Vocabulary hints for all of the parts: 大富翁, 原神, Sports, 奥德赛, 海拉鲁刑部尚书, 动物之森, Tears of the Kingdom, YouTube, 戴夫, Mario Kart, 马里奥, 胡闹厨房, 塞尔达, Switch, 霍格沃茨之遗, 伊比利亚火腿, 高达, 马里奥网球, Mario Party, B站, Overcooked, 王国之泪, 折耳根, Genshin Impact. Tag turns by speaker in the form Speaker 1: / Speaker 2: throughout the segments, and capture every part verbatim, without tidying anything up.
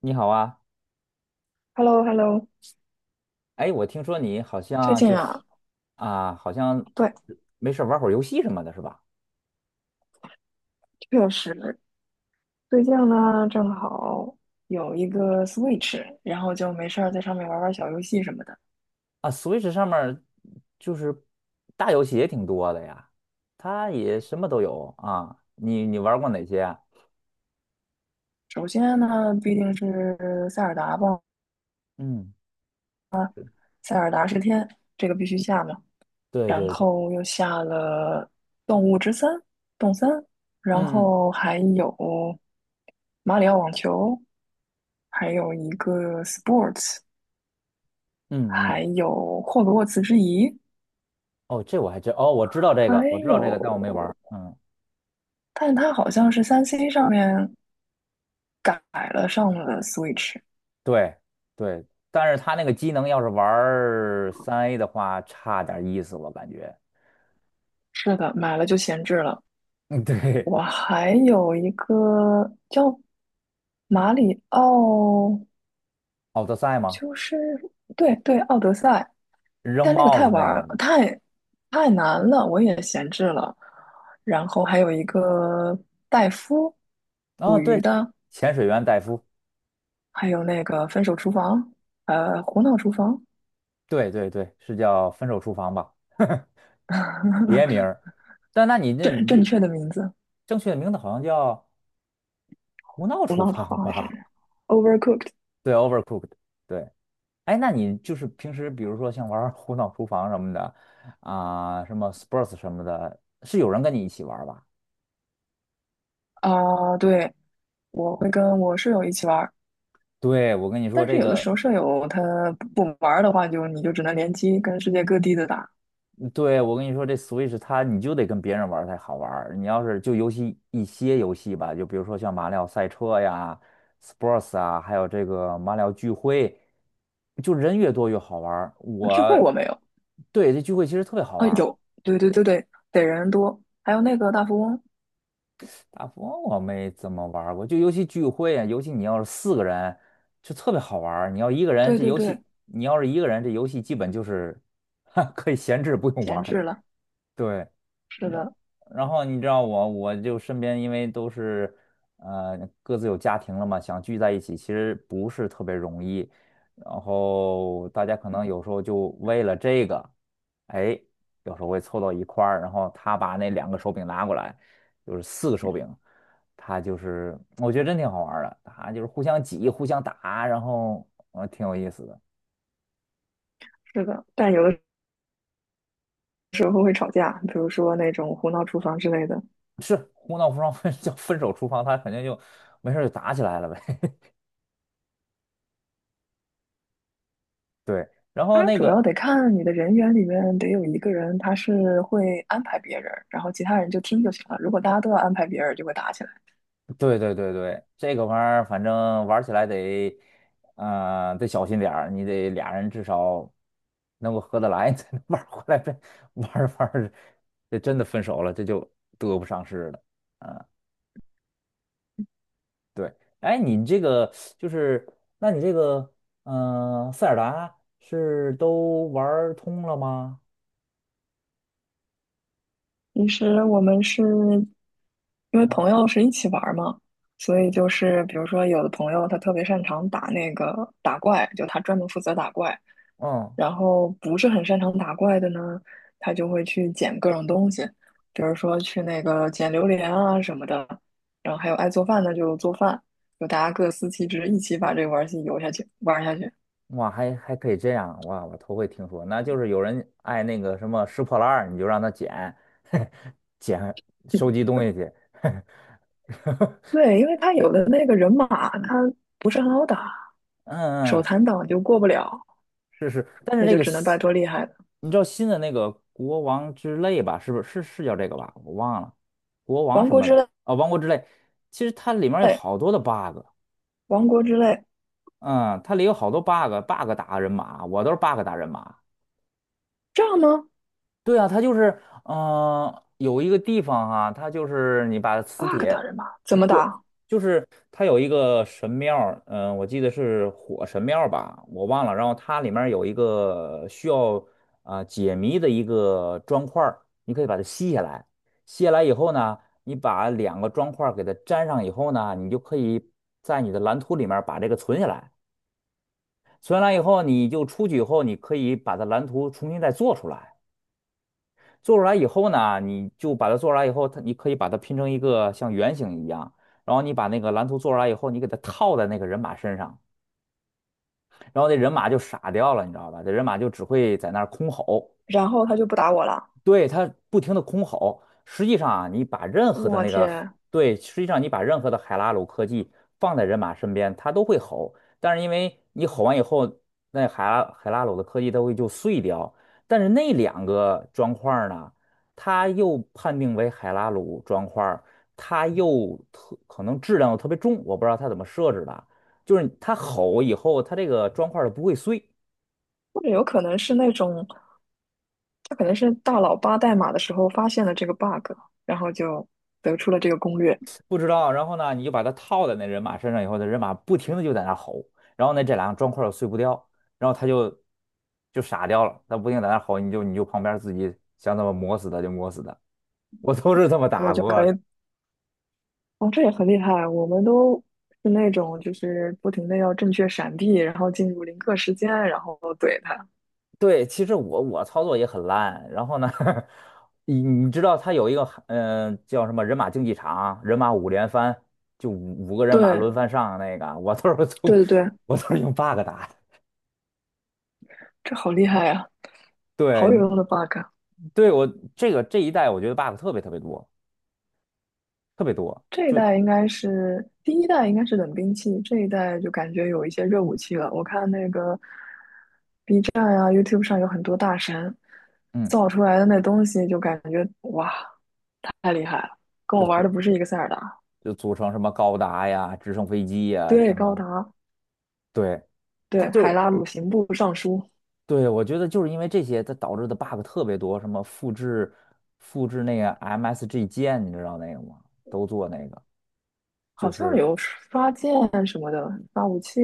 Speaker 1: 你好啊，
Speaker 2: h e l l o h e l l o
Speaker 1: 哎，我听说你好
Speaker 2: 最
Speaker 1: 像
Speaker 2: 近
Speaker 1: 就是
Speaker 2: 啊，
Speaker 1: 啊，好像
Speaker 2: 对，
Speaker 1: 没事儿玩会儿游戏什么的，是吧？
Speaker 2: 确实，最近呢正好有一个 Switch，然后就没事儿在上面玩玩小游戏什么的。
Speaker 1: 啊，Switch 上面儿就是大游戏也挺多的呀，它也什么都有啊。你你玩过哪些啊？
Speaker 2: 首先呢，必定是塞尔达吧，
Speaker 1: 嗯，
Speaker 2: 塞尔达是天，这个必须下嘛。
Speaker 1: 对
Speaker 2: 然
Speaker 1: 对对，
Speaker 2: 后又下了《动物之森》《动森》，然
Speaker 1: 嗯
Speaker 2: 后还有马里奥网球，还有一个 Sports，
Speaker 1: 嗯嗯嗯，
Speaker 2: 还有霍格沃茨之遗，
Speaker 1: 哦，这我还真哦，我知道这
Speaker 2: 还
Speaker 1: 个，我知道这个，但我没玩儿
Speaker 2: 有。
Speaker 1: 嗯，
Speaker 2: 但它好像是三 c 上面改了上了 Switch。
Speaker 1: 对对，但是它那个机能要是玩三 A 的话，差点意思，我感觉。
Speaker 2: 是的，买了就闲置了。
Speaker 1: 嗯，对，
Speaker 2: 我还有一个叫马里奥，
Speaker 1: 奥德赛吗？
Speaker 2: 就是对对，奥德赛，
Speaker 1: 扔
Speaker 2: 但那个
Speaker 1: 帽
Speaker 2: 太
Speaker 1: 子
Speaker 2: 玩
Speaker 1: 那个
Speaker 2: 儿
Speaker 1: 吗？
Speaker 2: 太太难了，我也闲置了。然后还有一个戴夫，捕
Speaker 1: 哦，
Speaker 2: 鱼
Speaker 1: 对，
Speaker 2: 的，
Speaker 1: 潜水员戴夫，
Speaker 2: 还有那个分手厨房，呃，胡闹厨房，
Speaker 1: 对对对，是叫《分手厨房》吧？别 名儿。但那你这
Speaker 2: 正
Speaker 1: 你
Speaker 2: 正
Speaker 1: 这
Speaker 2: 确的名字，
Speaker 1: 正确的名字好像叫《胡闹
Speaker 2: 胡
Speaker 1: 厨
Speaker 2: 闹厨
Speaker 1: 房》
Speaker 2: 房还
Speaker 1: 吧？
Speaker 2: 是 Overcooked。
Speaker 1: 对，Overcooked。对，哎，那你就是平时比如说像玩儿《胡闹厨房》什么的啊、什么 Sports 什么的，是有人跟你一起玩儿吧？
Speaker 2: 啊，对，我会跟我舍友一起玩儿，
Speaker 1: 对，我跟你说
Speaker 2: 但是
Speaker 1: 这
Speaker 2: 有的
Speaker 1: 个
Speaker 2: 时候舍友他不不玩儿的话就，你就只能联机跟世界各地的打。
Speaker 1: 对，我跟你说，这 Switch 它你就得跟别人玩儿才好玩儿。你要是就尤其一些游戏吧，就比如说像马里奥赛车呀、Sports 啊，还有这个马里奥聚会，就人越多越好玩儿。
Speaker 2: 聚会
Speaker 1: 我
Speaker 2: 我没有
Speaker 1: 对这聚会其实特别好
Speaker 2: 啊，
Speaker 1: 玩儿，
Speaker 2: 有，对对对对，得人多，还有那个大富翁，
Speaker 1: 大富翁我没怎么玩儿过，就尤其聚会啊，尤其你要是四个人就特别好玩儿。你要一个人，
Speaker 2: 对
Speaker 1: 这
Speaker 2: 对
Speaker 1: 游
Speaker 2: 对，
Speaker 1: 戏你要是一个人，这游戏基本就是 可以闲置不用
Speaker 2: 闲
Speaker 1: 玩。
Speaker 2: 置了，
Speaker 1: 对，
Speaker 2: 是
Speaker 1: 然
Speaker 2: 的，
Speaker 1: 然后你知道我，我就身边因为都是呃各自有家庭了嘛，想聚在一起其实不是特别容易。然后大家可能有时候就为了这个，哎，有时候会凑到一块儿，然后他把那两个手柄拿过来，就是四个手柄，他就是我觉得真挺好玩儿的，他就是互相挤、互相打，然后呃挺有意思的。
Speaker 2: 是的，但有的时候会吵架，比如说那种胡闹厨房之类的。
Speaker 1: 是胡闹不双分 叫分手厨房，他肯定就没事儿就打起来了呗。对，然后
Speaker 2: 它
Speaker 1: 那
Speaker 2: 主要
Speaker 1: 个，
Speaker 2: 得看你的人员里面得有一个人他是会安排别人，然后其他人就听就行了。如果大家都要安排别人，就会打起来。
Speaker 1: 对对对对，这个玩意儿反正玩起来得，呃，得小心点儿，你得俩人至少能够合得来，你才能玩儿回来。这玩儿着玩儿着这真的分手了，这就得不偿失了。啊，对，哎，你这个就是，那你这个，嗯、塞尔达是都玩儿通了吗？
Speaker 2: 其实我们是因为
Speaker 1: 嗯
Speaker 2: 朋友是一起玩儿嘛，所以就是比如说有的朋友他特别擅长打那个打怪，就他专门负责打怪，
Speaker 1: 嗯。
Speaker 2: 然后不是很擅长打怪的呢，他就会去捡各种东西，比如说去那个捡榴莲啊什么的，然后还有爱做饭的就做饭，就大家各司其职，一起把这个玩儿游戏游下去，玩儿下去。
Speaker 1: 哇，还还可以这样，哇，我头回听说，那就是有人爱那个什么拾破烂儿，你就让他捡，捡收集东西去，
Speaker 2: 对，因为他有的那个人马他不是很好打，
Speaker 1: 嗯
Speaker 2: 手
Speaker 1: 嗯，
Speaker 2: 残党就过不了，
Speaker 1: 是是是，但是
Speaker 2: 那
Speaker 1: 那
Speaker 2: 就
Speaker 1: 个
Speaker 2: 只能拜
Speaker 1: 新
Speaker 2: 托厉害的。
Speaker 1: 你知道新的那个国王之泪吧？是不是是是叫这个吧？我忘了，国王
Speaker 2: 王
Speaker 1: 什
Speaker 2: 国
Speaker 1: 么
Speaker 2: 之
Speaker 1: 的啊，王国之泪，其实它里面有
Speaker 2: 泪，
Speaker 1: 好多的 bug，
Speaker 2: 王国之泪，
Speaker 1: 嗯，它里有好多 bug，bug 打人马，我都是 bug 打人马。
Speaker 2: 这样呢
Speaker 1: 对啊，它就是，嗯，有一个地方哈、它就是你把磁
Speaker 2: ？bug
Speaker 1: 铁，
Speaker 2: 打人吧，怎么
Speaker 1: 对，
Speaker 2: 打？
Speaker 1: 就是它有一个神庙儿嗯、我记得是火神庙儿吧，我忘了。然后它里面儿有一个需要啊、解谜的一个砖块儿，你可以把它吸下来，吸下来以后呢，你把两个砖块儿给它粘上以后呢，你就可以在你的蓝图里面儿把这个存下来，存下来以后，你就出去以后，你可以把它蓝图重新再做出来。做出来以后呢，你就把它做出来以后，它你可以把它拼成一个像圆形一样，然后你把那个蓝图做出来以后，你给它套在那个人马身上，然后那人马就傻掉了，你知道吧？这人马就只会在那儿空吼，
Speaker 2: 然后他就不打我了。
Speaker 1: 对，它不停的空吼。实际上啊，你把任何的
Speaker 2: 我
Speaker 1: 那个，
Speaker 2: 天，
Speaker 1: 对，实际上你把任何的海拉鲁科技放在人马身边，它都会吼。但是因为你吼完以后，那海拉海拉鲁的科技它会就碎掉。但是那两个砖块儿呢，它又判定为海拉鲁砖块儿它又特可能质量又特别重，我不知道它怎么设置的。就是它吼以后，它这个砖块儿它不会碎。
Speaker 2: 或者有可能是那种，他可能是大佬扒代码的时候发现了这个 bug，然后就得出了这个攻略，
Speaker 1: 不知道，然后呢，你就把它套在那人马身上以后，那人马不停的就在那吼，然后呢，这两个砖块儿又碎不掉，然后他就就傻掉了，他不停地在那吼，你就你就旁边自己想怎么磨死他就磨死他，我都是这么
Speaker 2: 我
Speaker 1: 打
Speaker 2: 就
Speaker 1: 过
Speaker 2: 可
Speaker 1: 的。
Speaker 2: 以。哦，这也很厉害。我们都是那种就是不停的要正确闪避，然后进入零刻时间，然后怼他。
Speaker 1: 对，其实我我操作也很烂，然后呢，你你知道他有一个嗯、呃叫什么人马竞技场，人马五连翻，就五五个人马
Speaker 2: 对
Speaker 1: 轮番上那个，我都是从
Speaker 2: 对对对，
Speaker 1: 我都是用 bug 打的。
Speaker 2: 这好厉害呀、好
Speaker 1: 对
Speaker 2: 有用的 bug 啊。
Speaker 1: 对，我这个这一代我觉得 bug 特别特别多。特别多，
Speaker 2: 这一
Speaker 1: 就
Speaker 2: 代应该是第一代，应该是冷兵器，这一代就感觉有一些热武器了。我看那个 B 站啊、YouTube 上有很多大神
Speaker 1: 嗯，
Speaker 2: 造出来的那东西，就感觉哇，太厉害了，跟
Speaker 1: 就
Speaker 2: 我玩
Speaker 1: 组
Speaker 2: 的不是一个塞尔达。
Speaker 1: 就组成什么高达呀、直升飞机呀什
Speaker 2: 对，高
Speaker 1: 么，
Speaker 2: 达，
Speaker 1: 对，它
Speaker 2: 对，海
Speaker 1: 就
Speaker 2: 拉鲁刑部尚书，
Speaker 1: 对我觉得就是因为这些，它导致的 bug 特别多，什么复制复制那个 M S G 键，你知道那个吗？都做那个，
Speaker 2: 好
Speaker 1: 就
Speaker 2: 像
Speaker 1: 是
Speaker 2: 有刷剑什么的，刷武器，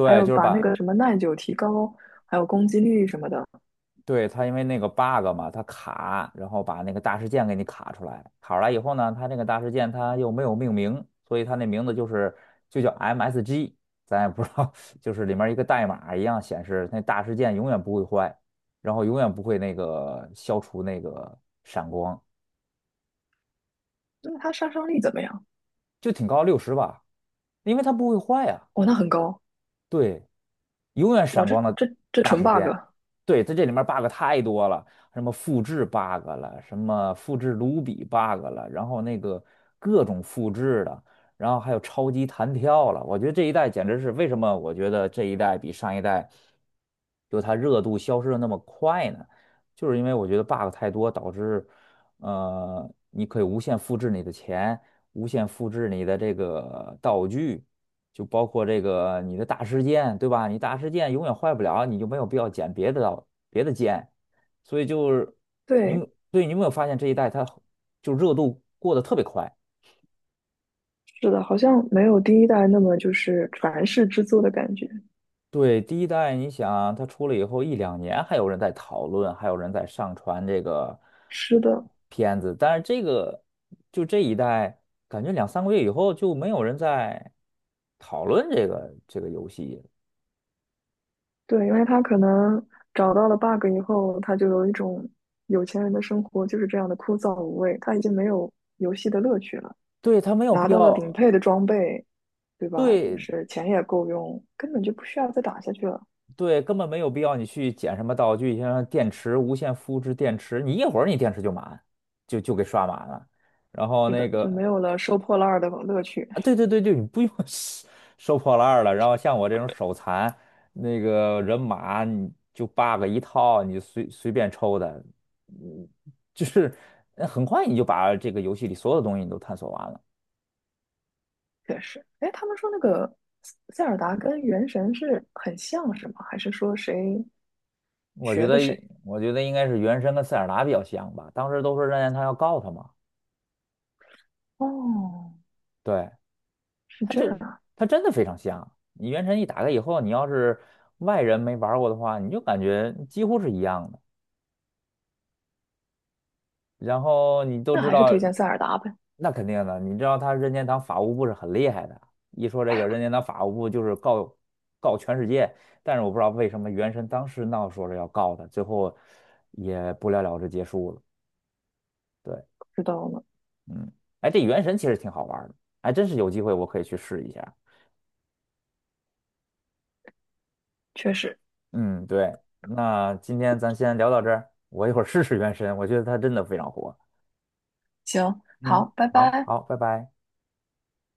Speaker 2: 还有
Speaker 1: 就是
Speaker 2: 把那
Speaker 1: 把
Speaker 2: 个什么耐久提高，还有攻击力什么的。
Speaker 1: 对，它因为那个 bug 嘛，它卡，然后把那个大事件给你卡出来。卡出来以后呢，它那个大事件它又没有命名，所以它那名字就是就叫 M S G，咱也不知道，就是里面一个代码一样显示那大事件永远不会坏，然后永远不会那个消除那个闪光，
Speaker 2: 那它杀伤力怎么样？
Speaker 1: 就挺高六十吧，因为它不会坏呀、
Speaker 2: 哇，那很高，
Speaker 1: 对，永远
Speaker 2: 哇，
Speaker 1: 闪
Speaker 2: 这
Speaker 1: 光的
Speaker 2: 这这
Speaker 1: 大
Speaker 2: 纯
Speaker 1: 时
Speaker 2: bug。
Speaker 1: 间。对，在这里面 bug 太多了，什么复制 bug 了，什么复制卢比 bug 了，然后那个各种复制的，然后还有超级弹跳了。我觉得这一代简直是为什么？我觉得这一代比上一代就它热度消失的那么快呢？就是因为我觉得 bug 太多，导致呃，你可以无限复制你的钱，无限复制你的这个道具。就包括这个你的大事件，对吧？你大事件永远坏不了，你就没有必要捡别的刀别的剑，所以就是你们
Speaker 2: 对，
Speaker 1: 对你有没有发现这一代它就热度过得特别快？
Speaker 2: 是的，好像没有第一代那么就是传世之作的感觉。
Speaker 1: 对，第一代你想它出了以后一两年，还有人在讨论，还有人在上传这个
Speaker 2: 是
Speaker 1: 呃
Speaker 2: 的，
Speaker 1: 片子，但是这个就这一代，感觉两三个月以后就没有人在讨论这个这个游戏
Speaker 2: 对，因为他可能找到了 bug 以后，他就有一种有钱人的生活就是这样的枯燥无味，他已经没有游戏的乐趣了。
Speaker 1: 对，它没有
Speaker 2: 拿
Speaker 1: 必
Speaker 2: 到了顶
Speaker 1: 要。
Speaker 2: 配的装备，对吧？就
Speaker 1: 对
Speaker 2: 是钱也够用，根本就不需要再打下去了。
Speaker 1: 对，根本没有必要你去捡什么道具，像电池、无线复制电池，你一会儿你电池就满，就就给刷满了。然后
Speaker 2: 是
Speaker 1: 那
Speaker 2: 的，就没
Speaker 1: 个
Speaker 2: 有了收破烂儿的乐趣。
Speaker 1: 啊，对对对对，你不用 收收破烂儿了。然后像我这种手残，那个人马你就 bug 一套，你就随随便抽的，嗯，就是呃很快你就把这个游戏里所有的东西你都探索完了。
Speaker 2: 确实，哎，他们说那个塞尔达跟原神是很像，是吗？还是说谁
Speaker 1: 我觉
Speaker 2: 学
Speaker 1: 得，
Speaker 2: 的谁？
Speaker 1: 我觉得应该是原神跟塞尔达比较像吧。当时都说任天堂要告他嘛，
Speaker 2: 哦，
Speaker 1: 对。
Speaker 2: 是
Speaker 1: 它
Speaker 2: 这
Speaker 1: 就
Speaker 2: 样，
Speaker 1: 它真的非常像。你原神一打开以后，你要是外人没玩过的话，你就感觉几乎是一样的。然后你都
Speaker 2: 那
Speaker 1: 知
Speaker 2: 还是
Speaker 1: 道，
Speaker 2: 推荐塞尔达呗，
Speaker 1: 那肯定的，你知道他任天堂法务部是很厉害的。一说这个任天堂法务部就是告告全世界，但是我不知道为什么原神当时闹说是要告他，最后也不了了之结束了。对，
Speaker 2: 不知道呢，
Speaker 1: 嗯，哎，这原神其实挺好玩的，还真是有机会我可以去试一下。
Speaker 2: 确实，
Speaker 1: 嗯，对，那今天咱先聊到这儿，我一会儿试试原神，我觉得它真的非常火。
Speaker 2: 行，
Speaker 1: 嗯，
Speaker 2: 好，拜
Speaker 1: 好
Speaker 2: 拜。
Speaker 1: 好，拜拜。